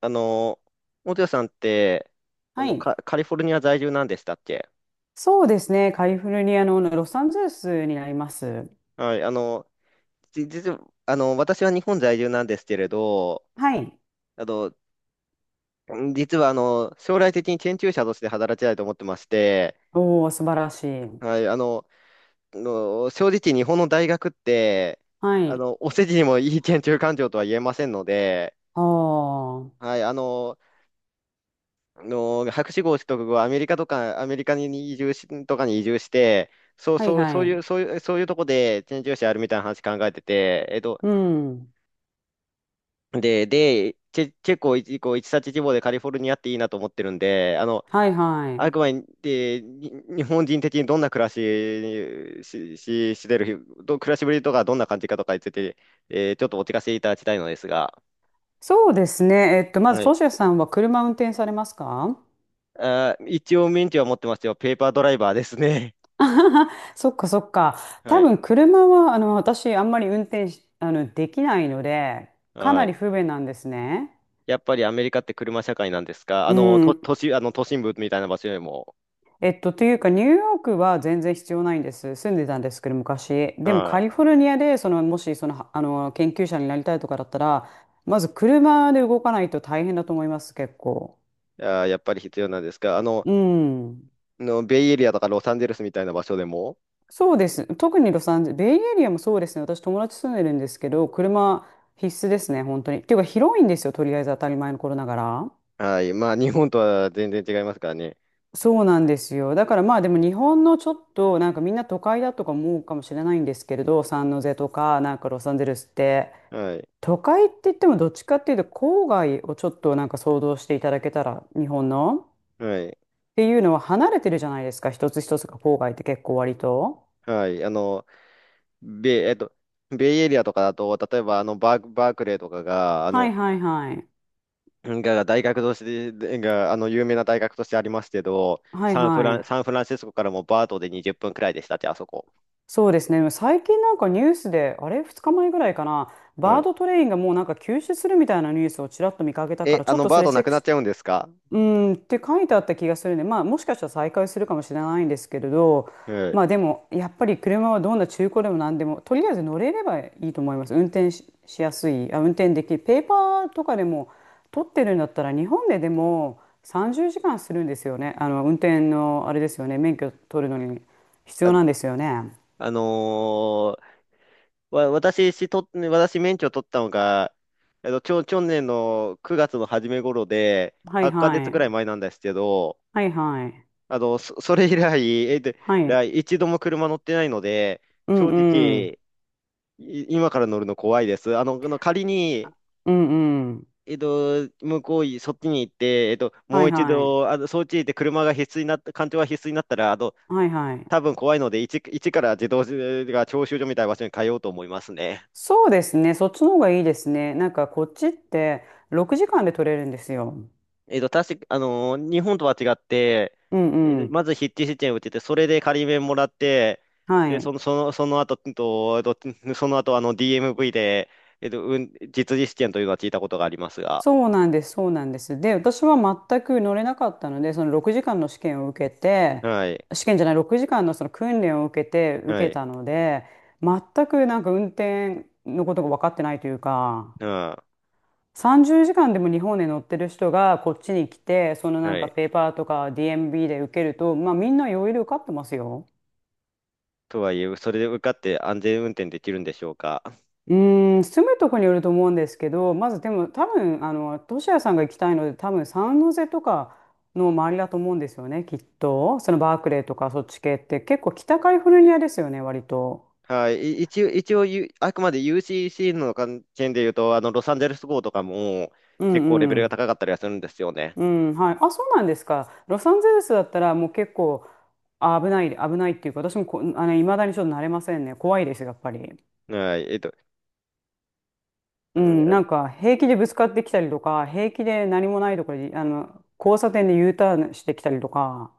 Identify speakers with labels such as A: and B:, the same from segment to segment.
A: あの、元谷さんって、
B: はい。
A: カリフォルニア在住なんでしたっけ？
B: そうですね。カリフォルニアのロサンゼルスになります。
A: はい。実は、私は日本在住なんですけれど、
B: はい。
A: あの、実は、あの、将来的に研究者として働きたいと思ってまして、
B: おお、素晴らしい。
A: はい。正直日本の大学って、
B: はい。
A: お世辞にもいい研究環境とは言えませんので、
B: ああ、は
A: はい。博士号取得後、アメリカとか、アメリカに移住し、とかに移住して、そう、
B: い
A: そう、そ
B: は
A: ういう、
B: い。
A: そういう、そういうとこでチェンジしあるみたいな話考えてて、
B: うん。
A: で、チェ、チェコ一、こ一冊地方でカリフォルニアっていいなと思ってるんで、
B: はいは
A: あ
B: い。
A: くまで、日本人的にどんな暮らしにし、し、してる、ど、暮らしぶりとかどんな感じかとかについて、ちょっとお聞かせいただきたいのですが、
B: そうですね。まず、
A: は
B: ト
A: い。
B: シヤさんは車運転されますか？
A: 一応免許は持ってますよ。ペーパードライバーですね。
B: あはは そっかそっか。
A: は
B: 多
A: い。
B: 分、車は、私、あんまり運転し、できないので、か
A: は
B: なり
A: い。
B: 不便なんですね。
A: やっぱりアメリカって車社会なんですか？あ
B: う
A: の、と、
B: ん、
A: 都市、あの、都心部みたいな場所よりも、
B: というか、ニューヨークは全然必要ないんです。住んでたんですけど、昔。でも、カ
A: は
B: リフォルニアで、その、もし、その、はあの、研究者になりたいとかだったら、まず車で動かないと大変だと思います、結構。
A: い。やっぱり必要なんですか？
B: うん。
A: ベイエリアとかロサンゼルスみたいな場所でも、
B: そうです。特にロサンゼル、ベイエリアもそうですね。私、友達住んでるんですけど、車必須ですね、本当に。っていうか、広いんですよ、とりあえず当たり前の頃ながら。
A: はい、まあ、日本とは全然違いますからね。
B: そうなんですよ。だからまあでも日本のちょっとなんかみんな都会だとか思うかもしれないんですけれど、サンノゼとかなんかロサンゼルスって
A: はい、
B: 都会って言ってもどっちかっていうと郊外をちょっとなんか想像していただけたら日本の
A: はい、
B: っていうのは離れてるじゃないですか、一つ一つが。郊外って結構割と。
A: はい。ベイ、えっと、ベイエリアとかだと、例えば、バークレーとかが、
B: はいはいはい。
A: 大学としてでが、あの、有名な大学としてありますけど、
B: はいは
A: サ
B: い。
A: ンフランシスコからもバートで20分くらいでしたって、あそこ。
B: そうですね。最近なんかニュースであれ、2日前ぐらいかな、
A: は
B: バー
A: い。
B: ドトレインがもうなんか休止するみたいなニュースをちらっと見かけたか
A: え、
B: ら、ち
A: あ
B: ょっ
A: の、
B: と
A: バ
B: そ
A: ー
B: れ
A: ト
B: チ
A: な
B: ェッ
A: く
B: ク。
A: なっちゃうんですか？
B: うん、って書いてあった気がするね。まあもしかしたら再開するかもしれないんですけれど、
A: はい。
B: まあでもやっぱり車はどんな中古でも何でもとりあえず乗れればいいと思います。運転し、しやすい、あ、運転できる。ペーパーとかでも取ってるんだったら、日本ででも30時間するんですよね。あの運転のあれですよね。免許取るのに必
A: あ、
B: 要なんですよね。
A: あのーわ、私、しと、私、免許取ったのが、去年の9月の初め頃で、
B: はい
A: 8ヶ
B: は
A: 月ぐらい
B: い。
A: 前なんですけど、
B: はいはい。
A: それ以来、えっと、
B: はい。
A: 一度も車乗ってないので、
B: うん
A: 正
B: うん。
A: 直、今から乗るの怖いです。あの、仮に、
B: うんうん。
A: えっと、向こうい、そっちに行って、も
B: は
A: う
B: い
A: 一
B: はい。
A: 度、そっちに行って車が必須になった、環境が必須になったら、
B: はいはい。
A: 多分怖いので、一から自動が教習所みたいな場所に通おうと思いますね。
B: そうですね。そっちの方がいいですね。なんかこっちって6時間で取れるんですよ。
A: 確か、日本とは違って、
B: うんうん。
A: まず筆致試験を受けて、それで仮免もらって、
B: は
A: で、
B: い。
A: その、その、その後、うんと、えっとその後、DMV で、実技試験というのは聞いたことがありますが、
B: そうなんです。そうなんです。で、私は全く乗れなかったので、その6時間の試験を受けて、
A: はい、
B: 試験じゃない、6時間のその訓練を受けて、
A: は
B: 受け
A: い、
B: たので、全くなんか運転のことが分かってないというか、
A: うん、
B: 30時間でも日本で乗ってる人がこっちに来て、そのなん
A: は
B: か
A: い。
B: ペーパーとか DMB で受けると、まあみんな余裕で受かってますよ。
A: とはいえ、それで受かって安全運転できるんでしょうか。
B: うーん、住むとこによると思うんですけど、まずでも多分、トシヤさんが行きたいので、多分サンノゼとかの周りだと思うんですよね、きっと。そのバークレーとかそっち系って結構北カリフォルニアですよね、割と。
A: はい。一応、あくまで UCC の関係で言うと、ロサンゼルス号とかも
B: う
A: 結構レベ
B: んう
A: ルが
B: ん。
A: 高かったりはするんですよね。
B: うん、はい。あ、そうなんですか。ロサンゼルスだったらもう結構あ危ない、危ないっていうか、私もこ、未だにちょっと慣れませんね。怖いです、やっぱり。
A: はい。う
B: うん、な
A: ん
B: んか平気でぶつかってきたりとか、平気で何もないところで、交差点で U ターンしてきたりとか。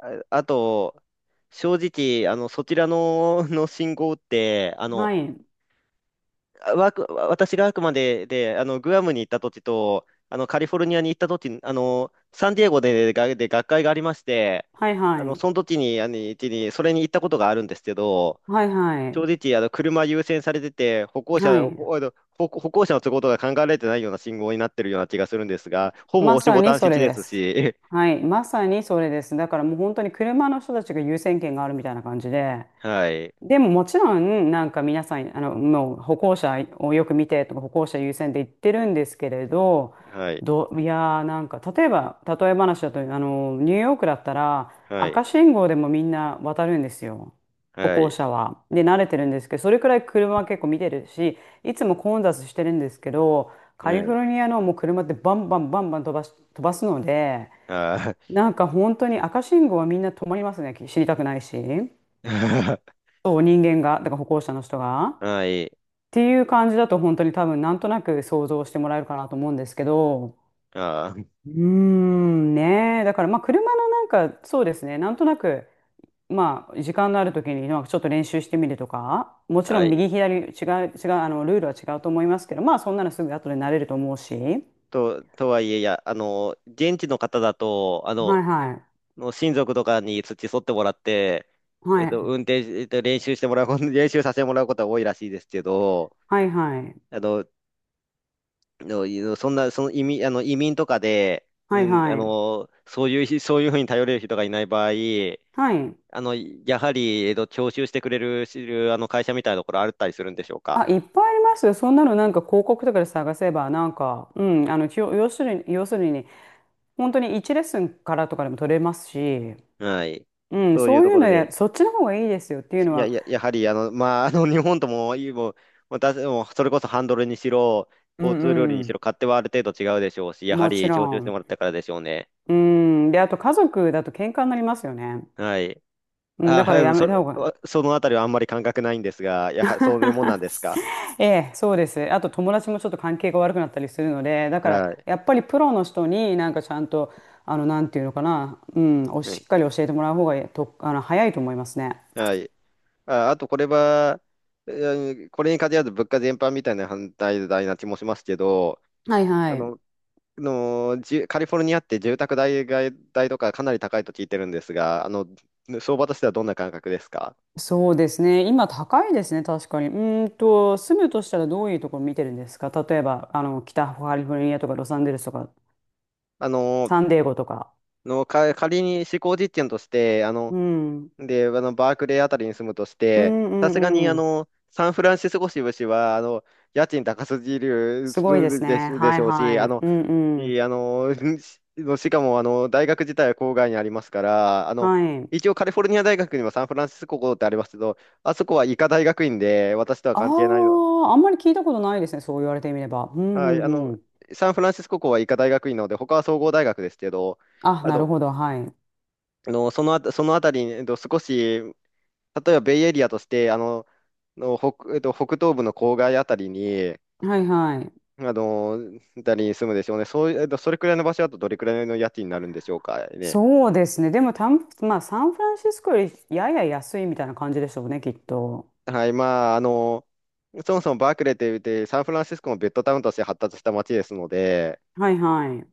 A: あと、正直、あの、そちらの、の信号って、
B: はい。
A: 私があくまで、グアムに行った時と、カリフォルニアに行った時、サンディエゴで、学会がありまして、
B: はいはい。
A: その時に、それに行ったことがあるんですけど、
B: はいは
A: 正
B: い。
A: 直、車優先されてて、
B: はい。
A: 歩行者の都合とか考えられてないような信号になってるような気がするんですが、ほぼ
B: ま
A: 押し
B: さ
A: ボ
B: に
A: タン設
B: それ
A: 置で
B: で
A: す
B: す。
A: し、
B: はい。まさにそれです。だからもう本当に車の人たちが優先権があるみたいな感じで。
A: はい、
B: でももちろん、なんか皆さん、もう歩行者をよく見てとか、歩行者優先で言ってるんですけれど、
A: はい、
B: どう、いやー、なんか、例えば、例え話だと、ニューヨークだったら、
A: はい、
B: 赤信号でもみんな渡るんですよ。歩
A: は
B: 行
A: い、
B: 者は。で、慣れてるんですけど、それくらい車は結構見てるし、いつも混雑してるんですけど、カ
A: は
B: リフォ
A: い、
B: ルニアのもう車ってバンバンバンバン飛ばし、飛ばすので、
A: あ
B: なんか本当に赤信号はみんな止まりますね、知りたくないし。
A: ー。
B: そう、人間が、だから歩行者の人が。
A: はい。
B: っていう感じだと本当に多分なんとなく想像してもらえるかなと思うんですけど、
A: あー
B: うーん、ねえ、だからまあ車のなんかそうですね、なんとなく、まあ時間のある時になんかちょっと練習してみるとか、もちろ
A: は
B: ん
A: い。
B: 右左違う、違う、あのルールは違うと思いますけど、まあそんなのすぐ後で慣れると思うし、
A: とはいえ、いや、現地の方だと、
B: はいはい、
A: 親族とかに付き添ってもらって、
B: は
A: えっ
B: い、
A: と、運転し、えっと、練習してもらうこと、練習させてもらうことは多いらしいですけど、
B: はいはい、
A: あの、のそんな、その移民とかで、
B: は
A: う
B: い
A: ん、あ
B: はい、
A: の、そういうひ、そういうふうに頼れる人がいない場合、
B: はい。
A: やはり、徴収してくれる、会社みたいなところあったりするんでしょうか？
B: あ、いっぱいありますよ。そんなのなんか広告とかで探せば、なんか、うん、きょ要するに、要するに本当に1レッスンからとかでも取れますし、
A: はい。
B: うん、
A: そういう
B: そう
A: と
B: いう
A: ころ
B: ので、
A: で、
B: そっちの方がいいですよっていうの
A: いや、
B: は、
A: いや、やはり、まあ、日本とも、いいもう、ももうそれこそハンドルにしろ、
B: う
A: 交通ルールにし
B: ん
A: ろ、勝手はある程度違うでしょうし、
B: う
A: や
B: ん、
A: は
B: もち
A: り、
B: ろ
A: 徴収しても
B: ん。
A: らったからでしょうね。
B: うん、で、あと家族だと喧嘩になりますよね。
A: はい。
B: うん、だか
A: は
B: らや
A: い。
B: めた方が。
A: そのあたりはあんまり感覚ないんですが、そういうもんなんですか？
B: ええ、そうです。あと友達もちょっと関係が悪くなったりするので、だから
A: はい。
B: やっぱりプロの人になんかちゃんと、なんていうのかな、うん、おしっかり教えてもらう方がと、早いと思いますね。
A: はい。あと、これは、うんこれに限らず物価全般みたいな反対代な気もしますけど、
B: はい
A: あ
B: はい。
A: の、カリフォルニアって住宅代が、代とかかなり高いと聞いてるんですが、相場としてはどんな感覚ですか？
B: そうですね。今高いですね、確かに。うーんと、住むとしたらどういうところ見てるんですか？例えば、北カリフォルニアとかロサンゼルスとか、
A: あの、
B: サンディエゴとか。
A: 仮に試行実験として、あの、
B: うん。うん
A: で、あの、バークレーあたりに住むとし
B: う
A: て、さすがに、
B: んうん。
A: サンフランシスコ支部市は、家賃高すぎる
B: すごいですね。
A: で
B: は
A: し
B: い
A: ょうし、
B: は
A: あ
B: い。
A: の、
B: うんう
A: い
B: ん。
A: い、あの、しかも、大学自体は郊外にありますから、
B: はい。
A: 一応カリフォルニア大学にはサンフランシスコ校ってありますけど、あそこは医科大学院で、私とは
B: あ
A: 関係ないの。
B: あ、あんまり聞いたことないですね、そう言われてみれば。うんう
A: はい。
B: んうん。
A: サンフランシスコ校は医科大学院なので、他は総合大学ですけど、
B: あ、
A: あ
B: なる
A: の、
B: ほど。はい。
A: そのあたりに、例えばベイエリアとして、北、北東部の郊外あたりに、
B: はいはい。
A: あの、あたりに住むでしょうね。そういう、それくらいの場所だとどれくらいの家賃になるんでしょうかね。
B: そうですね。でも、たん、まあ、サンフランシスコよりやや安いみたいな感じでしょうね、きっと。
A: はい、まあ、そもそもバークレーって言って、サンフランシスコもベッドタウンとして発達した街ですので、
B: はいはい。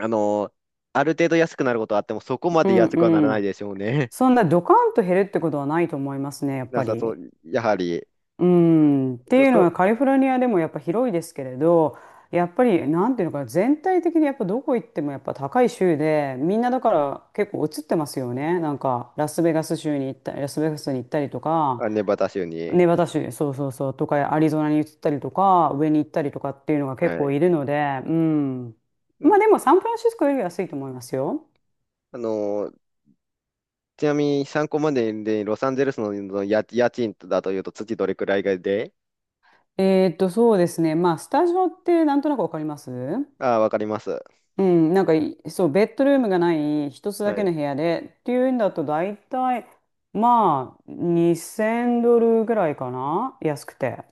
A: あの、ある程度安くなることはあっても、そこま
B: う
A: で
B: ん
A: 安くはなら
B: う
A: ない
B: ん。
A: でしょうね。
B: そんなドカンと減るってことはないと思いますね、や っ
A: な
B: ぱ
A: さそ
B: り。
A: う、やはり。
B: うん。って
A: そう
B: いうの
A: そう。
B: はカリフォルニアでもやっぱ広いですけれど、やっぱりなんていうのかな、全体的にやっぱどこ行ってもやっぱ高い州で、みんなだから結構移ってますよね。なんかラスベガス州に行った、ラスベガスに行ったりとか、
A: ネバダ州に。
B: ネバダ州、そうそうそう、とかアリゾナに移ったりとか、上に行ったりとかっていうのが結
A: は
B: 構
A: い。
B: いるので、うん。
A: う
B: ま
A: ん。
B: あでもサンフランシスコより安いと思いますよ。
A: あの、ちなみに参考までで、ロサンゼルスの家賃だというと、月どれくらいがで、
B: えーっと、そうですね。まあ、スタジオってなんとなくわかります
A: ああ、わかります。
B: うん、なんかい、そう、ベッドルームがない一つ
A: は
B: だけ
A: い。
B: の部屋でっていうんだと大体、まあ、2,000ドルぐらいかな、安くて。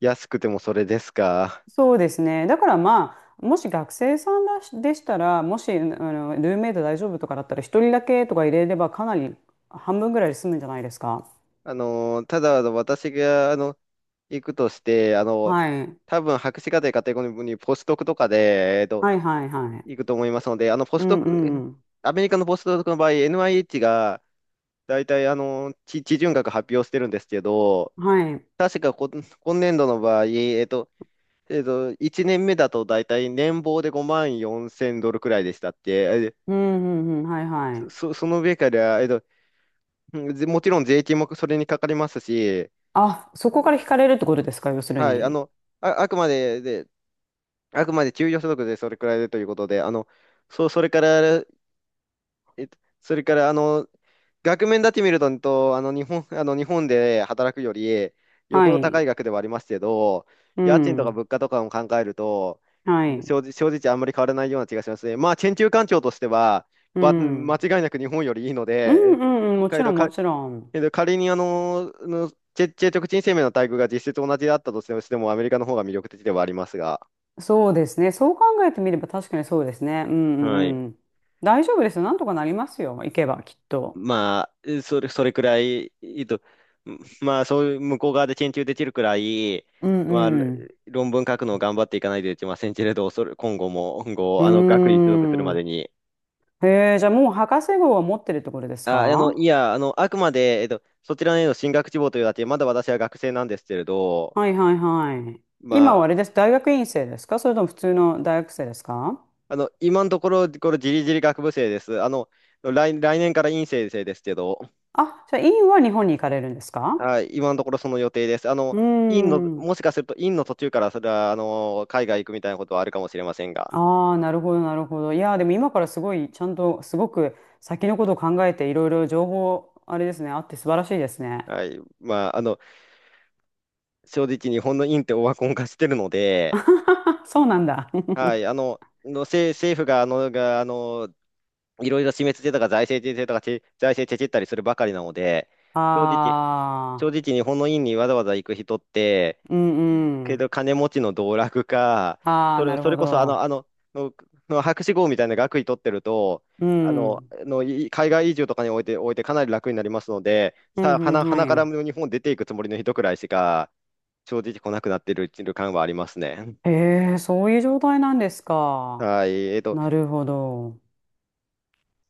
A: 安くてもそれですか？
B: そうですね。だからまあ、もし学生さんだしでしたら、もし、ルームメイト大丈夫とかだったら、一人だけとか入れればかなり半分ぐらいで済むんじゃないですか。
A: ただ、私が、行くとして、
B: はい。
A: 多分博士課程カテゴリーにポスドクとかで、
B: はいはいはい。
A: 行くと思いますので、あの、ポ
B: う
A: スド
B: んう
A: ク、え
B: ん
A: の
B: うん。
A: アメリカのポスドクの場合、NIH が大体、地準学発表してるんですけど、
B: はい。
A: 確かこ、今年度の場合、1年目だと大体年俸で5万4千ドルくらいでしたって、え
B: うんうんうん。はいはい。
A: その上から、えっと、うんぜもちろん税金もそれにかかりますし、
B: あ、そこから惹かれるってことですか、要する
A: はい。あ
B: に？
A: の、あ、あくまで、であくまで給与所得でそれくらいでということで、そう、それから、それから、額面だけ見ると、とあの、日本、日本で働くより、よ
B: は
A: ほど高
B: い。
A: い額ではありますけど、
B: う
A: 家賃とか
B: ん。
A: 物価とかも考えると、
B: はい。
A: 正直あんまり変わらないような気がしますね。まあ、研究環境としては、
B: うん。う
A: 間違
B: ん
A: いなく日本よりいいの
B: う
A: で、
B: んうん。
A: え
B: もち
A: け
B: ろ
A: ど、
B: んも
A: か、
B: ちろん。
A: けど仮に、結局人生命の待遇が実質同じだったとしても、アメリカの方が魅力的ではありますが。
B: そうですね。そう考えてみれば確かにそうですね。うんう
A: はい。
B: んうん。大丈夫ですよ。なんとかなりますよ。行けばきっと。
A: まあ、それくらい、まあ、そういう向こう側で研究できるくらい、
B: うん
A: まあ、
B: うん。
A: 論文書くのを頑張っていかないといけませんけれど、それ、今後も、今
B: う
A: 後、
B: ー
A: 学位取得するまで
B: ん。
A: に。
B: へえ、じゃあもう博士号は持ってるところですか？
A: い
B: は
A: や、あくまで、そちらへの進学志望というだけ、まだ私は学生なんですけれ
B: い
A: ど、
B: はいはい。今
A: ま
B: は
A: あ、
B: あれです。大学院生ですか、それとも普通の大学生ですか？
A: 今のところ、これ、じりじり学部生です。来年から院生生ですけど、
B: あ、じゃあ院は日本に行かれるんですか？
A: はい、今のところその予定です。
B: うーん。
A: もしかすると院の途中からそれは、海外行くみたいなことはあるかもしれませんが、
B: ああ、なるほど、なるほど。いやー、でも今からすごい、ちゃんと、すごく先のことを考えて、いろいろ情報、あれですね、あって素晴らしいですね。
A: はい、まあ、正直日本の院ってオワコン化してるので、
B: そうなんだ。
A: はい。政府が、いろいろ示してたか財政税制とか財政チェチったりするばかりなので、正直、正
B: ああ、
A: 直日本の院にわざわざ行く人って、
B: うんう
A: け
B: ん。
A: ど金持ちの道楽か、
B: ああ、なる
A: そ
B: ほ
A: れこそあの、
B: ど。
A: あの、の、の博士号みたいな学位取ってると、
B: うん。
A: 海外移住とかにおいて、おいてかなり楽になりますので、
B: う
A: さ
B: ん
A: あ、
B: うん、
A: 鼻
B: は
A: から
B: い。
A: 日本出ていくつもりの人くらいしか、正直来なくなっている感はありますね。
B: へえ、そういう状態なんですか。
A: はい。
B: なるほど。